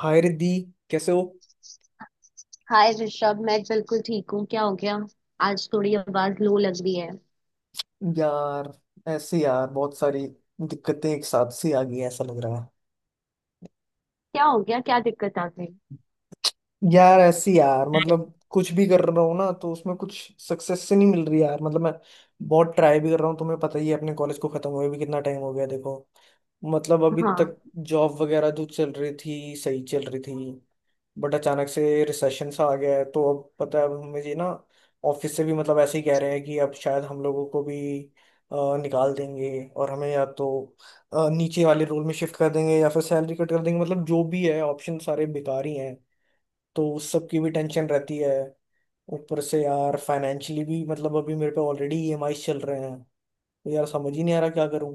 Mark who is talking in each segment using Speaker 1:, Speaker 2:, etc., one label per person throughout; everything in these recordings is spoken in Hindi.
Speaker 1: हाय रिद्धि, कैसे हो?
Speaker 2: हाय ऋषभ, मैं बिल्कुल ठीक हूँ। क्या हो गया? आज थोड़ी आवाज लो लग रही है।
Speaker 1: यार, ऐसी यार बहुत सारी दिक्कतें एक साथ सी आ गई हैं, ऐसा लग रहा है।
Speaker 2: क्या हो गया? क्या दिक्कत आ गई?
Speaker 1: यार, ऐसी यार मतलब कुछ भी कर रहा हूँ ना तो उसमें कुछ सक्सेस से नहीं मिल रही यार। मतलब मैं बहुत ट्राई भी कर रहा हूँ, तुम्हें पता ही है अपने कॉलेज को खत्म हुए भी कितना टाइम हो गया। देखो, मतलब अभी तक
Speaker 2: हाँ।
Speaker 1: जॉब वगैरह जो चल रही थी सही चल रही थी, बट अचानक से रिसेशन सा आ गया है, तो अब पता है अब हमें ये ना ऑफिस से भी मतलब ऐसे ही कह रहे हैं कि अब शायद हम लोगों को भी निकाल देंगे। और हमें या तो नीचे वाले रोल में शिफ्ट कर देंगे या फिर सैलरी कट कर देंगे, मतलब जो भी है ऑप्शन सारे बेकार ही हैं। तो उस सब की भी टेंशन रहती है। ऊपर से यार फाइनेंशियली भी मतलब अभी मेरे पे ऑलरेडी ईएमआई चल रहे हैं, तो यार समझ ही नहीं आ रहा क्या करूं।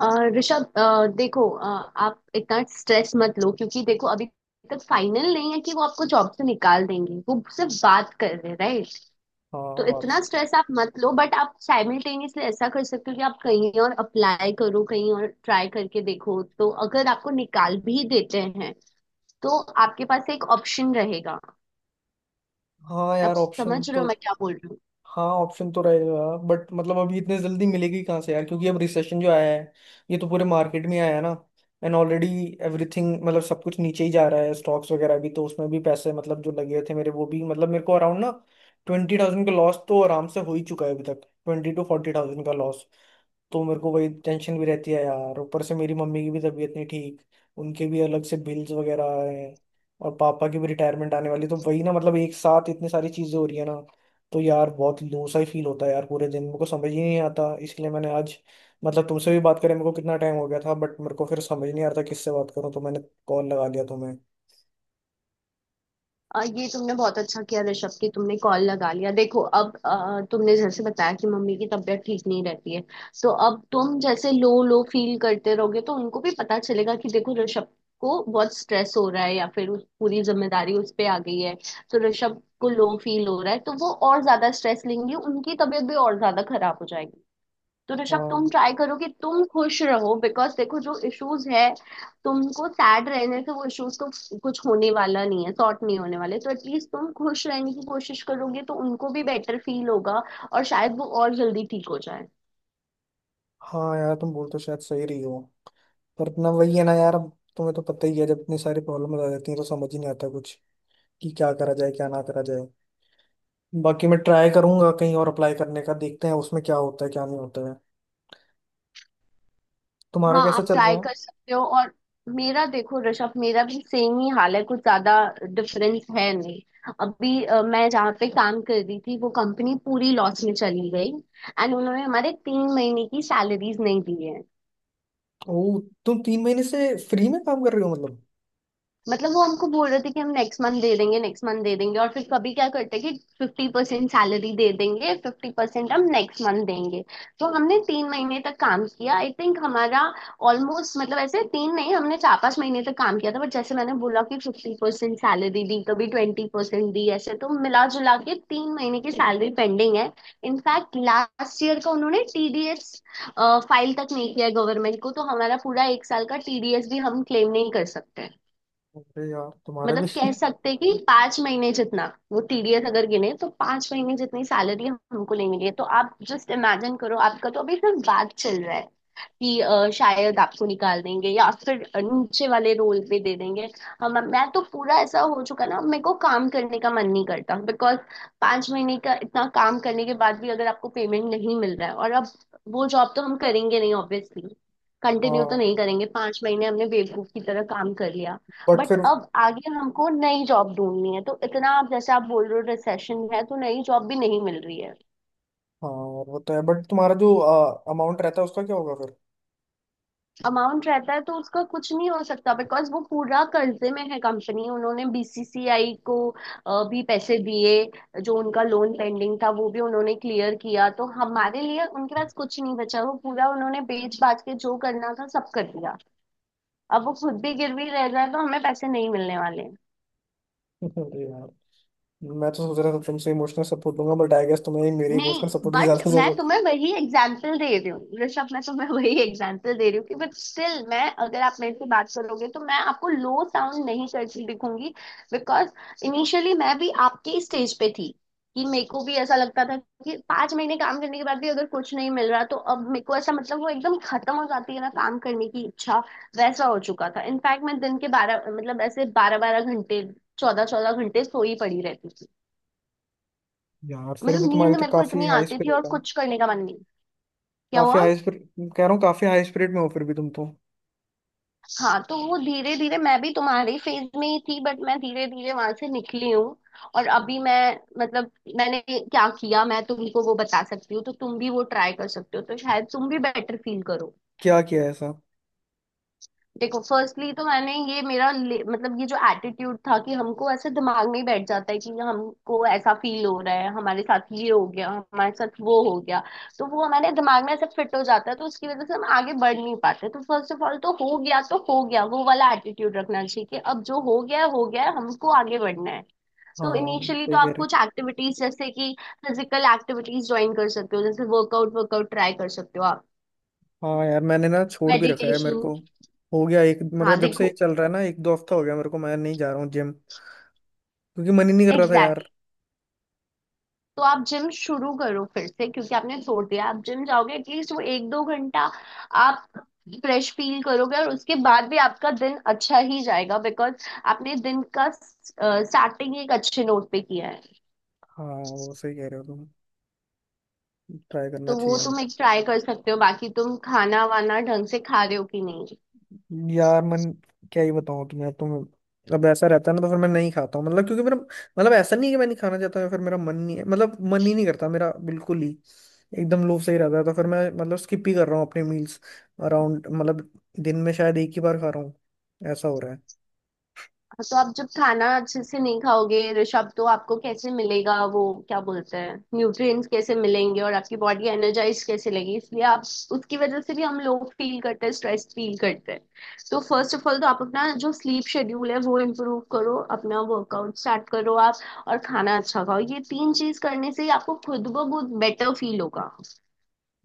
Speaker 2: अ, ऋषभ, देखो, आप इतना स्ट्रेस मत लो, क्योंकि देखो अभी तक फाइनल नहीं है कि वो आपको जॉब से निकाल देंगे। वो सिर्फ बात कर रहे हैं, राइट?
Speaker 1: हाँ,
Speaker 2: तो
Speaker 1: बात।
Speaker 2: इतना स्ट्रेस आप मत लो, बट आप साइमल्टेनियसली ऐसा कर सकते हो कि आप कहीं और अप्लाई करो, कहीं और ट्राई करके देखो। तो अगर आपको निकाल भी देते हैं तो आपके पास एक ऑप्शन रहेगा।
Speaker 1: हाँ
Speaker 2: आप
Speaker 1: यार, ऑप्शन
Speaker 2: समझ रहे
Speaker 1: तो।
Speaker 2: हो मैं क्या बोल रही हूँ?
Speaker 1: हाँ, ऑप्शन तो रहेगा बट मतलब अभी इतने जल्दी मिलेगी कहाँ से यार, क्योंकि अब रिसेशन जो आया है ये तो पूरे मार्केट में आया है ना। एंड ऑलरेडी एवरीथिंग मतलब सब कुछ नीचे ही जा रहा है, स्टॉक्स वगैरह भी, तो उसमें भी पैसे मतलब जो लगे थे मेरे वो भी मतलब मेरे को अराउंड ना 20,000 का लॉस तो आराम से हो ही चुका है, अभी तक 20-40 थाउजेंड का लॉस। तो मेरे को वही टेंशन भी रहती है यार। ऊपर से मेरी मम्मी की भी तबीयत नहीं ठीक, उनके भी अलग से बिल्स वगैरह हैं, और पापा की भी रिटायरमेंट आने वाली, तो वही ना, मतलब एक साथ इतनी सारी चीजें हो रही है ना। तो यार बहुत लो सा ही फील होता है यार पूरे दिन, मेरे को समझ ही नहीं आता। इसलिए मैंने आज मतलब तुमसे भी बात करें मेरे को कितना टाइम हो गया था, बट मेरे को फिर समझ नहीं आ रहा था किससे बात करूं, तो मैंने कॉल लगा लिया तुम्हें।
Speaker 2: ये तुमने बहुत अच्छा किया ऋषभ कि तुमने कॉल लगा लिया। देखो अब तुमने जैसे बताया कि मम्मी की तबीयत ठीक नहीं रहती है, तो अब तुम जैसे लो लो फील करते रहोगे तो उनको भी पता चलेगा कि देखो ऋषभ को बहुत स्ट्रेस हो रहा है या फिर उस पूरी जिम्मेदारी उस पे आ गई है। तो ऋषभ को लो फील हो रहा है तो वो और ज्यादा स्ट्रेस लेंगे, उनकी तबीयत भी और ज्यादा खराब हो जाएगी। तो ऋषभ, तुम
Speaker 1: हाँ।
Speaker 2: ट्राई करो कि तुम खुश रहो, बिकॉज देखो जो इश्यूज है, तुमको सैड रहने से वो इश्यूज तो कुछ होने वाला नहीं है, सॉर्ट नहीं होने वाले। तो एटलीस्ट तुम खुश रहने की कोशिश करोगे तो उनको भी बेटर फील होगा और शायद वो और जल्दी ठीक हो जाए।
Speaker 1: हाँ यार, तुम बोल तो शायद सही रही हो, पर ना वही है ना यार। अब तुम्हें तो पता ही है, जब इतनी सारी प्रॉब्लम आ जाती है तो समझ ही नहीं आता कुछ कि क्या करा जाए क्या ना करा जाए। बाकी मैं ट्राई करूंगा कहीं और अप्लाई करने का, देखते हैं उसमें क्या होता है क्या नहीं होता है। तुम्हारा
Speaker 2: हाँ,
Speaker 1: कैसा
Speaker 2: आप
Speaker 1: चल रहा
Speaker 2: ट्राई
Speaker 1: है?
Speaker 2: कर सकते हो। और मेरा, देखो ऋषभ, मेरा भी सेम ही हाल है, कुछ ज्यादा डिफरेंस है नहीं। अभी मैं जहाँ पे काम कर रही थी, वो कंपनी पूरी लॉस में चली गई एंड उन्होंने हमारे 3 महीने की सैलरीज नहीं दी है।
Speaker 1: ओ, तुम 3 महीने से फ्री में काम कर रहे हो मतलब?
Speaker 2: मतलब वो हमको बोल रहे थे कि हम नेक्स्ट मंथ दे देंगे, नेक्स्ट मंथ दे देंगे, और फिर कभी क्या करते कि 50% सैलरी दे देंगे, 50% हम नेक्स्ट मंथ देंगे। तो हमने 3 महीने तक काम किया, आई थिंक हमारा ऑलमोस्ट, मतलब ऐसे तीन नहीं, हमने चार पांच महीने तक काम किया था। बट जैसे मैंने बोला कि 50% सैलरी दी, कभी 20% दी, ऐसे तो मिला जुला के 3 महीने की सैलरी पेंडिंग है। इनफैक्ट लास्ट ईयर का उन्होंने टीडीएस फाइल तक नहीं किया गवर्नमेंट को, तो हमारा पूरा एक साल का टीडीएस भी हम क्लेम नहीं कर सकते।
Speaker 1: अरे यार, तुम्हारा
Speaker 2: मतलब
Speaker 1: भी
Speaker 2: कह सकते हैं कि 5 महीने जितना वो टीडीएस अगर गिने तो 5 महीने जितनी सैलरी हमको नहीं मिली है। तो आप जस्ट इमेजिन करो, आपका तो अभी सिर्फ बात चल रहा है कि शायद आपको निकाल देंगे या फिर नीचे वाले रोल पे दे देंगे। हम मैं तो पूरा ऐसा हो चुका ना, मेरे को काम करने का मन नहीं करता, बिकॉज 5 महीने का इतना काम करने के बाद भी अगर आपको पेमेंट नहीं मिल रहा है, और अब वो जॉब तो हम करेंगे नहीं ऑब्वियसली, कंटिन्यू तो
Speaker 1: हाँ,
Speaker 2: नहीं करेंगे। 5 महीने हमने बेवकूफ की तरह काम कर।
Speaker 1: बट
Speaker 2: बट
Speaker 1: फिर।
Speaker 2: अब आगे हमको नई जॉब ढूंढनी है, तो इतना आप जैसे आप बोल रहे हो रिसेशन है, तो नई जॉब भी नहीं मिल रही है।
Speaker 1: हाँ यार वो तो है, बट तुम्हारा जो अमाउंट रहता है उसका क्या होगा फिर?
Speaker 2: अमाउंट रहता है तो उसका कुछ नहीं हो सकता, बिकॉज वो पूरा कर्जे में है कंपनी। उन्होंने बीसीसीआई को भी पैसे दिए, जो उनका लोन पेंडिंग था वो भी उन्होंने क्लियर किया, तो हमारे लिए उनके पास कुछ नहीं बचा। वो पूरा उन्होंने बेच बाच के जो करना था सब कर दिया। अब वो खुद भी गिरवी रह जाए तो हमें पैसे नहीं मिलने वाले।
Speaker 1: अरे यार, मैं तो सोच रहा था तुमसे इमोशनल सपोर्ट लूंगा, बट आई गेस तुम्हें ही मेरी
Speaker 2: नहीं,
Speaker 1: इमोशनल सपोर्ट की
Speaker 2: बट
Speaker 1: ज्यादा
Speaker 2: मैं
Speaker 1: जरूरत
Speaker 2: तुम्हें वही एग्जाम्पल दे रही हूँ ऋषभ, मैं तुम्हें वही एग्जाम्पल दे रही हूँ कि बट स्टिल मैं, अगर आप मेरे से बात करोगे तो मैं आपको लो साउंड नहीं करती दिखूंगी। बिकॉज इनिशियली मैं भी आपके स्टेज पे थी कि मेरे को भी ऐसा लगता था कि 5 महीने काम करने के बाद भी अगर कुछ नहीं मिल रहा, तो अब मेरे को ऐसा मतलब वो एकदम खत्म हो जाती है ना काम करने की इच्छा। वैसा हो चुका था, इनफैक्ट मैं दिन के 12, मतलब ऐसे 12 12 घंटे, 14 14 घंटे सोई पड़ी रहती थी।
Speaker 1: है यार। फिर भी
Speaker 2: मतलब
Speaker 1: तुम्हारी
Speaker 2: नींद
Speaker 1: तो
Speaker 2: मेरे को
Speaker 1: काफी
Speaker 2: इतनी
Speaker 1: हाई
Speaker 2: आती थी और
Speaker 1: स्पिरिट है।
Speaker 2: कुछ करने का मन नहीं। क्या
Speaker 1: काफी
Speaker 2: हुआ?
Speaker 1: हाई स्पिरिट कह रहा हूँ, काफी हाई स्पिरिट में हो फिर भी तुम तो।
Speaker 2: हाँ, तो वो धीरे धीरे मैं भी तुम्हारे फेज में ही थी, बट मैं धीरे धीरे वहां से निकली हूँ। और अभी मैं, मतलब मैंने क्या किया, मैं तुमको वो बता सकती हूँ, तो तुम भी वो ट्राई कर सकते हो तो शायद तुम भी बेटर फील करो।
Speaker 1: क्या किया है ऐसा?
Speaker 2: देखो फर्स्टली तो मैंने ये मेरा मतलब ये जो एटीट्यूड था कि हमको ऐसे दिमाग में ही बैठ जाता है कि हमको ऐसा फील हो रहा है, हमारे साथ ये हो गया, हमारे साथ वो हो गया, तो वो हमारे दिमाग में ऐसे फिट हो जाता है, तो उसकी वजह से हम आगे बढ़ नहीं पाते। तो फर्स्ट ऑफ ऑल तो हो गया तो हो गया, वो वाला एटीट्यूड रखना चाहिए कि अब जो हो गया है हो गया है, हमको आगे बढ़ना है।
Speaker 1: हाँ,
Speaker 2: तो इनिशियली तो
Speaker 1: वही कह
Speaker 2: आप
Speaker 1: रहे।
Speaker 2: कुछ एक्टिविटीज, जैसे कि फिजिकल एक्टिविटीज ज्वाइन कर सकते हो, जैसे वर्कआउट वर्कआउट ट्राई कर सकते हो आप।
Speaker 1: हाँ यार, मैंने ना छोड़ भी रखा है, मेरे
Speaker 2: मेडिटेशन।
Speaker 1: को हो गया एक
Speaker 2: हाँ
Speaker 1: मतलब जब से ये
Speaker 2: देखो
Speaker 1: चल रहा है ना, एक दो हफ्ता हो गया मेरे को, मैं नहीं जा रहा हूँ जिम, क्योंकि मन ही नहीं कर रहा था यार।
Speaker 2: exactly। तो आप जिम शुरू करो फिर से, क्योंकि आपने छोड़ दिया। आप जिम जाओगे एटलीस्ट वो एक दो घंटा आप फ्रेश फील करोगे, और उसके बाद भी आपका दिन अच्छा ही जाएगा, बिकॉज आपने दिन का स्टार्टिंग एक अच्छे नोट पे किया है।
Speaker 1: हाँ, वो सही कह रहे हो तुम, ट्राई
Speaker 2: तो
Speaker 1: करना
Speaker 2: वो
Speaker 1: चाहिए
Speaker 2: तुम
Speaker 1: मुझे।
Speaker 2: एक ट्राई कर सकते हो। बाकी तुम खाना वाना ढंग से खा रहे हो कि नहीं?
Speaker 1: यार मन, क्या ही बताऊँ तुम्हें, तुम अब ऐसा रहता है ना तो फिर मैं नहीं खाता हूँ, मतलब क्योंकि मेरा मतलब ऐसा नहीं है कि मैं नहीं खाना चाहता हूँ या फिर मेरा मन नहीं है, मतलब मन ही नहीं करता मेरा बिल्कुल ही, एकदम लोभ सही रहता है, तो फिर मैं मतलब स्किप ही कर रहा हूँ अपने मील्स। अराउंड मतलब दिन में शायद एक ही बार खा रहा हूँ, ऐसा हो रहा है।
Speaker 2: तो आप जब खाना अच्छे से नहीं खाओगे ऋषभ, तो आपको कैसे मिलेगा वो क्या बोलते हैं न्यूट्रिएंट्स, कैसे मिलेंगे और आपकी बॉडी एनर्जाइज कैसे लगेगी? इसलिए आप, उसकी वजह से भी हम लोग फील करते हैं, स्ट्रेस फील करते हैं। तो फर्स्ट ऑफ ऑल तो आप अपना जो स्लीप शेड्यूल है वो इम्प्रूव करो, अपना वर्कआउट स्टार्ट करो आप, और खाना अच्छा खाओ। ये तीन चीज करने से ही आपको खुद ब खुद बेटर फील होगा।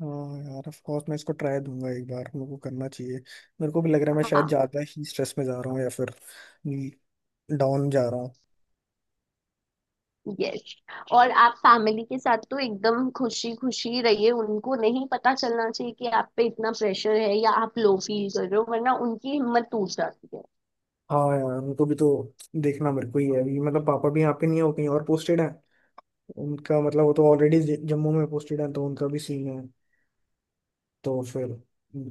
Speaker 1: हाँ यार ऑफ कोर्स, मैं इसको ट्राई दूंगा एक बार, मेरे को करना चाहिए। मेरे को भी लग रहा है मैं शायद
Speaker 2: हाँ।
Speaker 1: ज्यादा ही स्ट्रेस में जा रहा हूँ या फिर डाउन जा रहा हूँ।
Speaker 2: यस। और आप फैमिली के साथ तो एकदम खुशी खुशी रहिए, उनको नहीं पता चलना चाहिए कि आप पे इतना प्रेशर है या आप लो फील कर रहे हो, वरना उनकी हिम्मत टूट जाती है।
Speaker 1: हाँ यार, उनको भी तो देखना मेरे को ही है अभी, मतलब पापा भी यहाँ पे नहीं है, वो कहीं और पोस्टेड है, उनका मतलब वो तो ऑलरेडी जम्मू में पोस्टेड है, तो उनका भी सीन है। तो फिर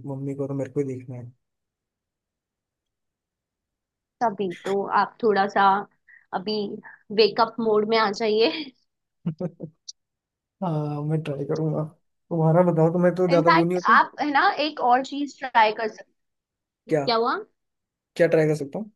Speaker 1: मम्मी को तो मेरे को ही देखना है।
Speaker 2: तभी तो आप थोड़ा सा अभी वेकअप मोड में आ जाइए।
Speaker 1: हाँ, मैं ट्राई करूंगा। तुम्हारा बताओ, तुम्हें तो ज्यादा वो नहीं
Speaker 2: इनफैक्ट
Speaker 1: हो तो।
Speaker 2: आप है ना, एक और चीज ट्राई कर सकते हो।
Speaker 1: क्या?
Speaker 2: क्या हुआ?
Speaker 1: क्या ट्राई कर सकता हूँ?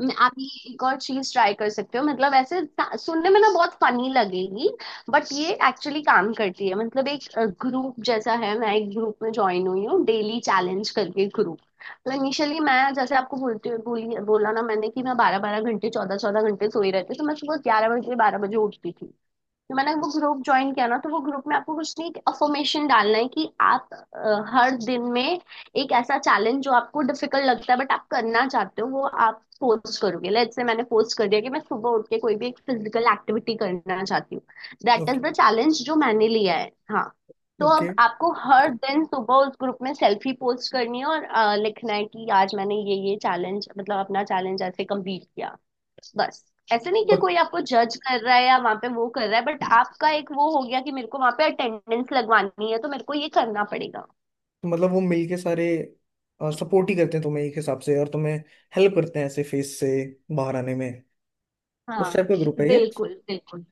Speaker 2: आप ये एक और चीज ट्राई कर सकते हो, मतलब ऐसे सुनने में ना बहुत फनी लगेगी, बट ये एक्चुअली काम करती है। मतलब एक ग्रुप जैसा है, मैं एक ग्रुप में ज्वाइन हुई हूँ डेली चैलेंज करके ग्रुप। मतलब इनिशियली मैं जैसे आपको बोलती बोली बोला ना मैंने कि मैं 12 12 घंटे चौदह चौदह घंटे सोई रहती, तो मैं सुबह 11 बजे 12 बजे उठती थी। तो मैंने वो ग्रुप ज्वाइन किया ना, तो वो ग्रुप में आपको कुछ नहीं, एक अफर्मेशन डालना है कि आप हर दिन में एक ऐसा चैलेंज जो आपको डिफिकल्ट लगता है बट आप करना चाहते हो, वो आप पोस्ट करोगे। लेट्स से मैंने पोस्ट कर दिया कि मैं सुबह उठ के कोई भी एक फिजिकल एक्टिविटी करना चाहती हूँ। That is
Speaker 1: okay,
Speaker 2: the challenge जो मैंने लिया है। हाँ। तो अब
Speaker 1: ओके।
Speaker 2: आपको हर दिन सुबह उस ग्रुप में सेल्फी पोस्ट करनी है और लिखना है कि आज मैंने ये चैलेंज, मतलब अपना चैलेंज ऐसे कंप्लीट किया। बस। ऐसे नहीं कि
Speaker 1: मत,
Speaker 2: कोई आपको जज कर रहा है या वहां पे वो कर रहा है, बट आपका एक वो हो गया कि मेरे को वहां पे अटेंडेंस लगवानी है तो मेरे को ये करना पड़ेगा।
Speaker 1: मतलब वो मिलके सारे सपोर्ट ही करते हैं तुम्हें, एक हिसाब से, और तुम्हें हेल्प करते हैं ऐसे फेस से बाहर आने में, उस
Speaker 2: हाँ।
Speaker 1: टाइप का ग्रुप है ये?
Speaker 2: बिल्कुल बिल्कुल।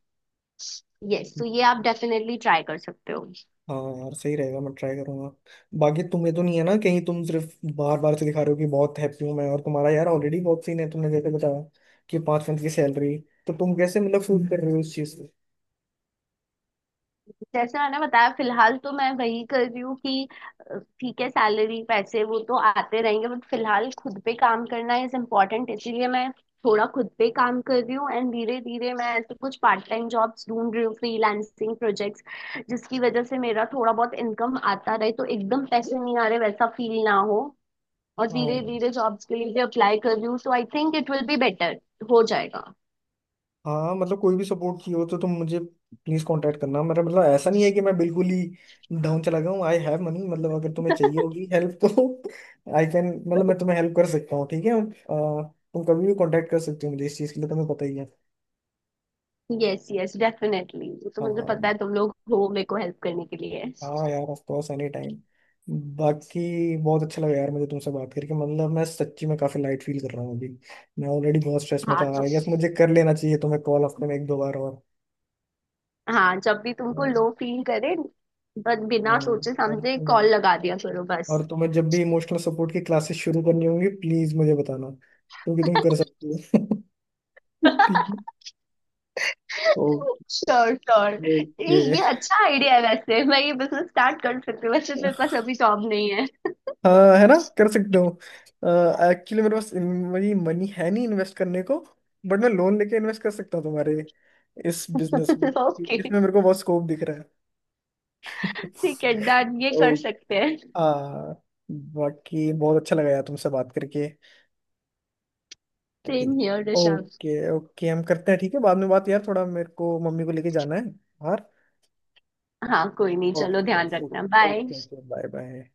Speaker 2: यस, तो ये आप डेफिनेटली ट्राई कर सकते हो।
Speaker 1: हाँ यार, सही रहेगा, मैं ट्राई करूंगा। बाकी तुम्हें तो नहीं है ना कहीं, तुम सिर्फ बार बार से दिखा रहे हो कि बहुत हैप्पी हूँ मैं, और तुम्हारा यार ऑलरेडी बहुत सीन है, तुमने जैसे बताया कि 5 मंथ की सैलरी, तो तुम कैसे मतलब फील कर रहे हो इस चीज को?
Speaker 2: जैसे मैंने बताया फिलहाल तो मैं वही कर रही हूँ कि ठीक है, सैलरी पैसे वो तो आते रहेंगे, बट फिलहाल खुद पे काम करना इज इम्पोर्टेंट, इसीलिए मैं थोड़ा खुद पे काम कर रही हूँ, एंड धीरे धीरे मैं ऐसे कुछ पार्ट टाइम जॉब्स ढूंढ रही हूँ, फ्रीलांसिंग प्रोजेक्ट्स, जिसकी वजह से मेरा थोड़ा बहुत इनकम आता रहे तो एकदम पैसे नहीं आ रहे वैसा फील ना हो। और धीरे
Speaker 1: हाँ।
Speaker 2: धीरे जॉब्स के लिए भी अप्लाई कर रही हूँ, तो I think it will be better हो जाएगा।
Speaker 1: हाँ, मतलब कोई भी सपोर्ट चाहिए हो तो तुम मुझे प्लीज कांटेक्ट करना। मेरा मतलब ऐसा नहीं है कि मैं बिल्कुल ही डाउन चला गया हूँ। आई हैव मनी, मतलब अगर तुम्हें चाहिए होगी हेल्प तो आई कैन मतलब मैं तुम्हें हेल्प कर सकता हूँ, ठीक है। तुम कभी भी कांटेक्ट कर सकते हो मुझे इस चीज के लिए, तुम्हें पता ही है।
Speaker 2: यस यस, डेफिनेटली वो तो मुझे
Speaker 1: हाँ।
Speaker 2: पता है तुम लोग हो मेरे को हेल्प करने के लिए।
Speaker 1: हाँ यार, ऑफ कोर्स, एनी टाइम। बाकी बहुत अच्छा लगा यार मुझे तुमसे बात करके, मतलब मैं सच्ची में काफी लाइट फील कर रहा हूँ अभी। मैं ऑलरेडी बहुत स्ट्रेस में
Speaker 2: हाँ
Speaker 1: था,
Speaker 2: तो,
Speaker 1: आई गेस मुझे कर लेना चाहिए तुम्हें कॉल हफ्ते में एक दो बार और।
Speaker 2: हाँ जब भी तुमको
Speaker 1: हम्म,
Speaker 2: लो फील करे बस बिना सोचे
Speaker 1: और
Speaker 2: समझे कॉल
Speaker 1: तुम,
Speaker 2: लगा दिया करो, बस।
Speaker 1: और तुम्हें जब भी इमोशनल सपोर्ट की क्लासेस शुरू करनी होंगी प्लीज मुझे बताना, क्योंकि तुम कर सकती हो। ठीक है।
Speaker 2: Sure sure.
Speaker 1: ओके।
Speaker 2: ये अच्छा आइडिया है, वैसे मैं ये बिजनेस स्टार्ट कर सकती हूँ, वैसे मेरे पास अभी जॉब नहीं है।
Speaker 1: हाँ, है ना, कर सकता हूँ एक्चुअली। मेरे पास मेरी मनी है नहीं इन्वेस्ट करने को, बट मैं लोन लेके इन्वेस्ट कर सकता हूँ तुम्हारे इस बिजनेस में, क्योंकि
Speaker 2: ओके।
Speaker 1: इसमें मेरे को बहुत स्कोप दिख रहा है।
Speaker 2: ठीक है, डन, ये
Speaker 1: ओ,
Speaker 2: कर सकते हैं।
Speaker 1: आ, बाकी बहुत अच्छा लगा यार तुमसे बात करके।
Speaker 2: Same here Rishabh.
Speaker 1: Okay, okay, हम करते हैं, ठीक है बाद में बात, यार थोड़ा मेरे को मम्मी को लेके जाना है बाहर।
Speaker 2: हाँ कोई नहीं, चलो,
Speaker 1: ओके,
Speaker 2: ध्यान रखना,
Speaker 1: okay,
Speaker 2: bye.
Speaker 1: Okay, bye bye.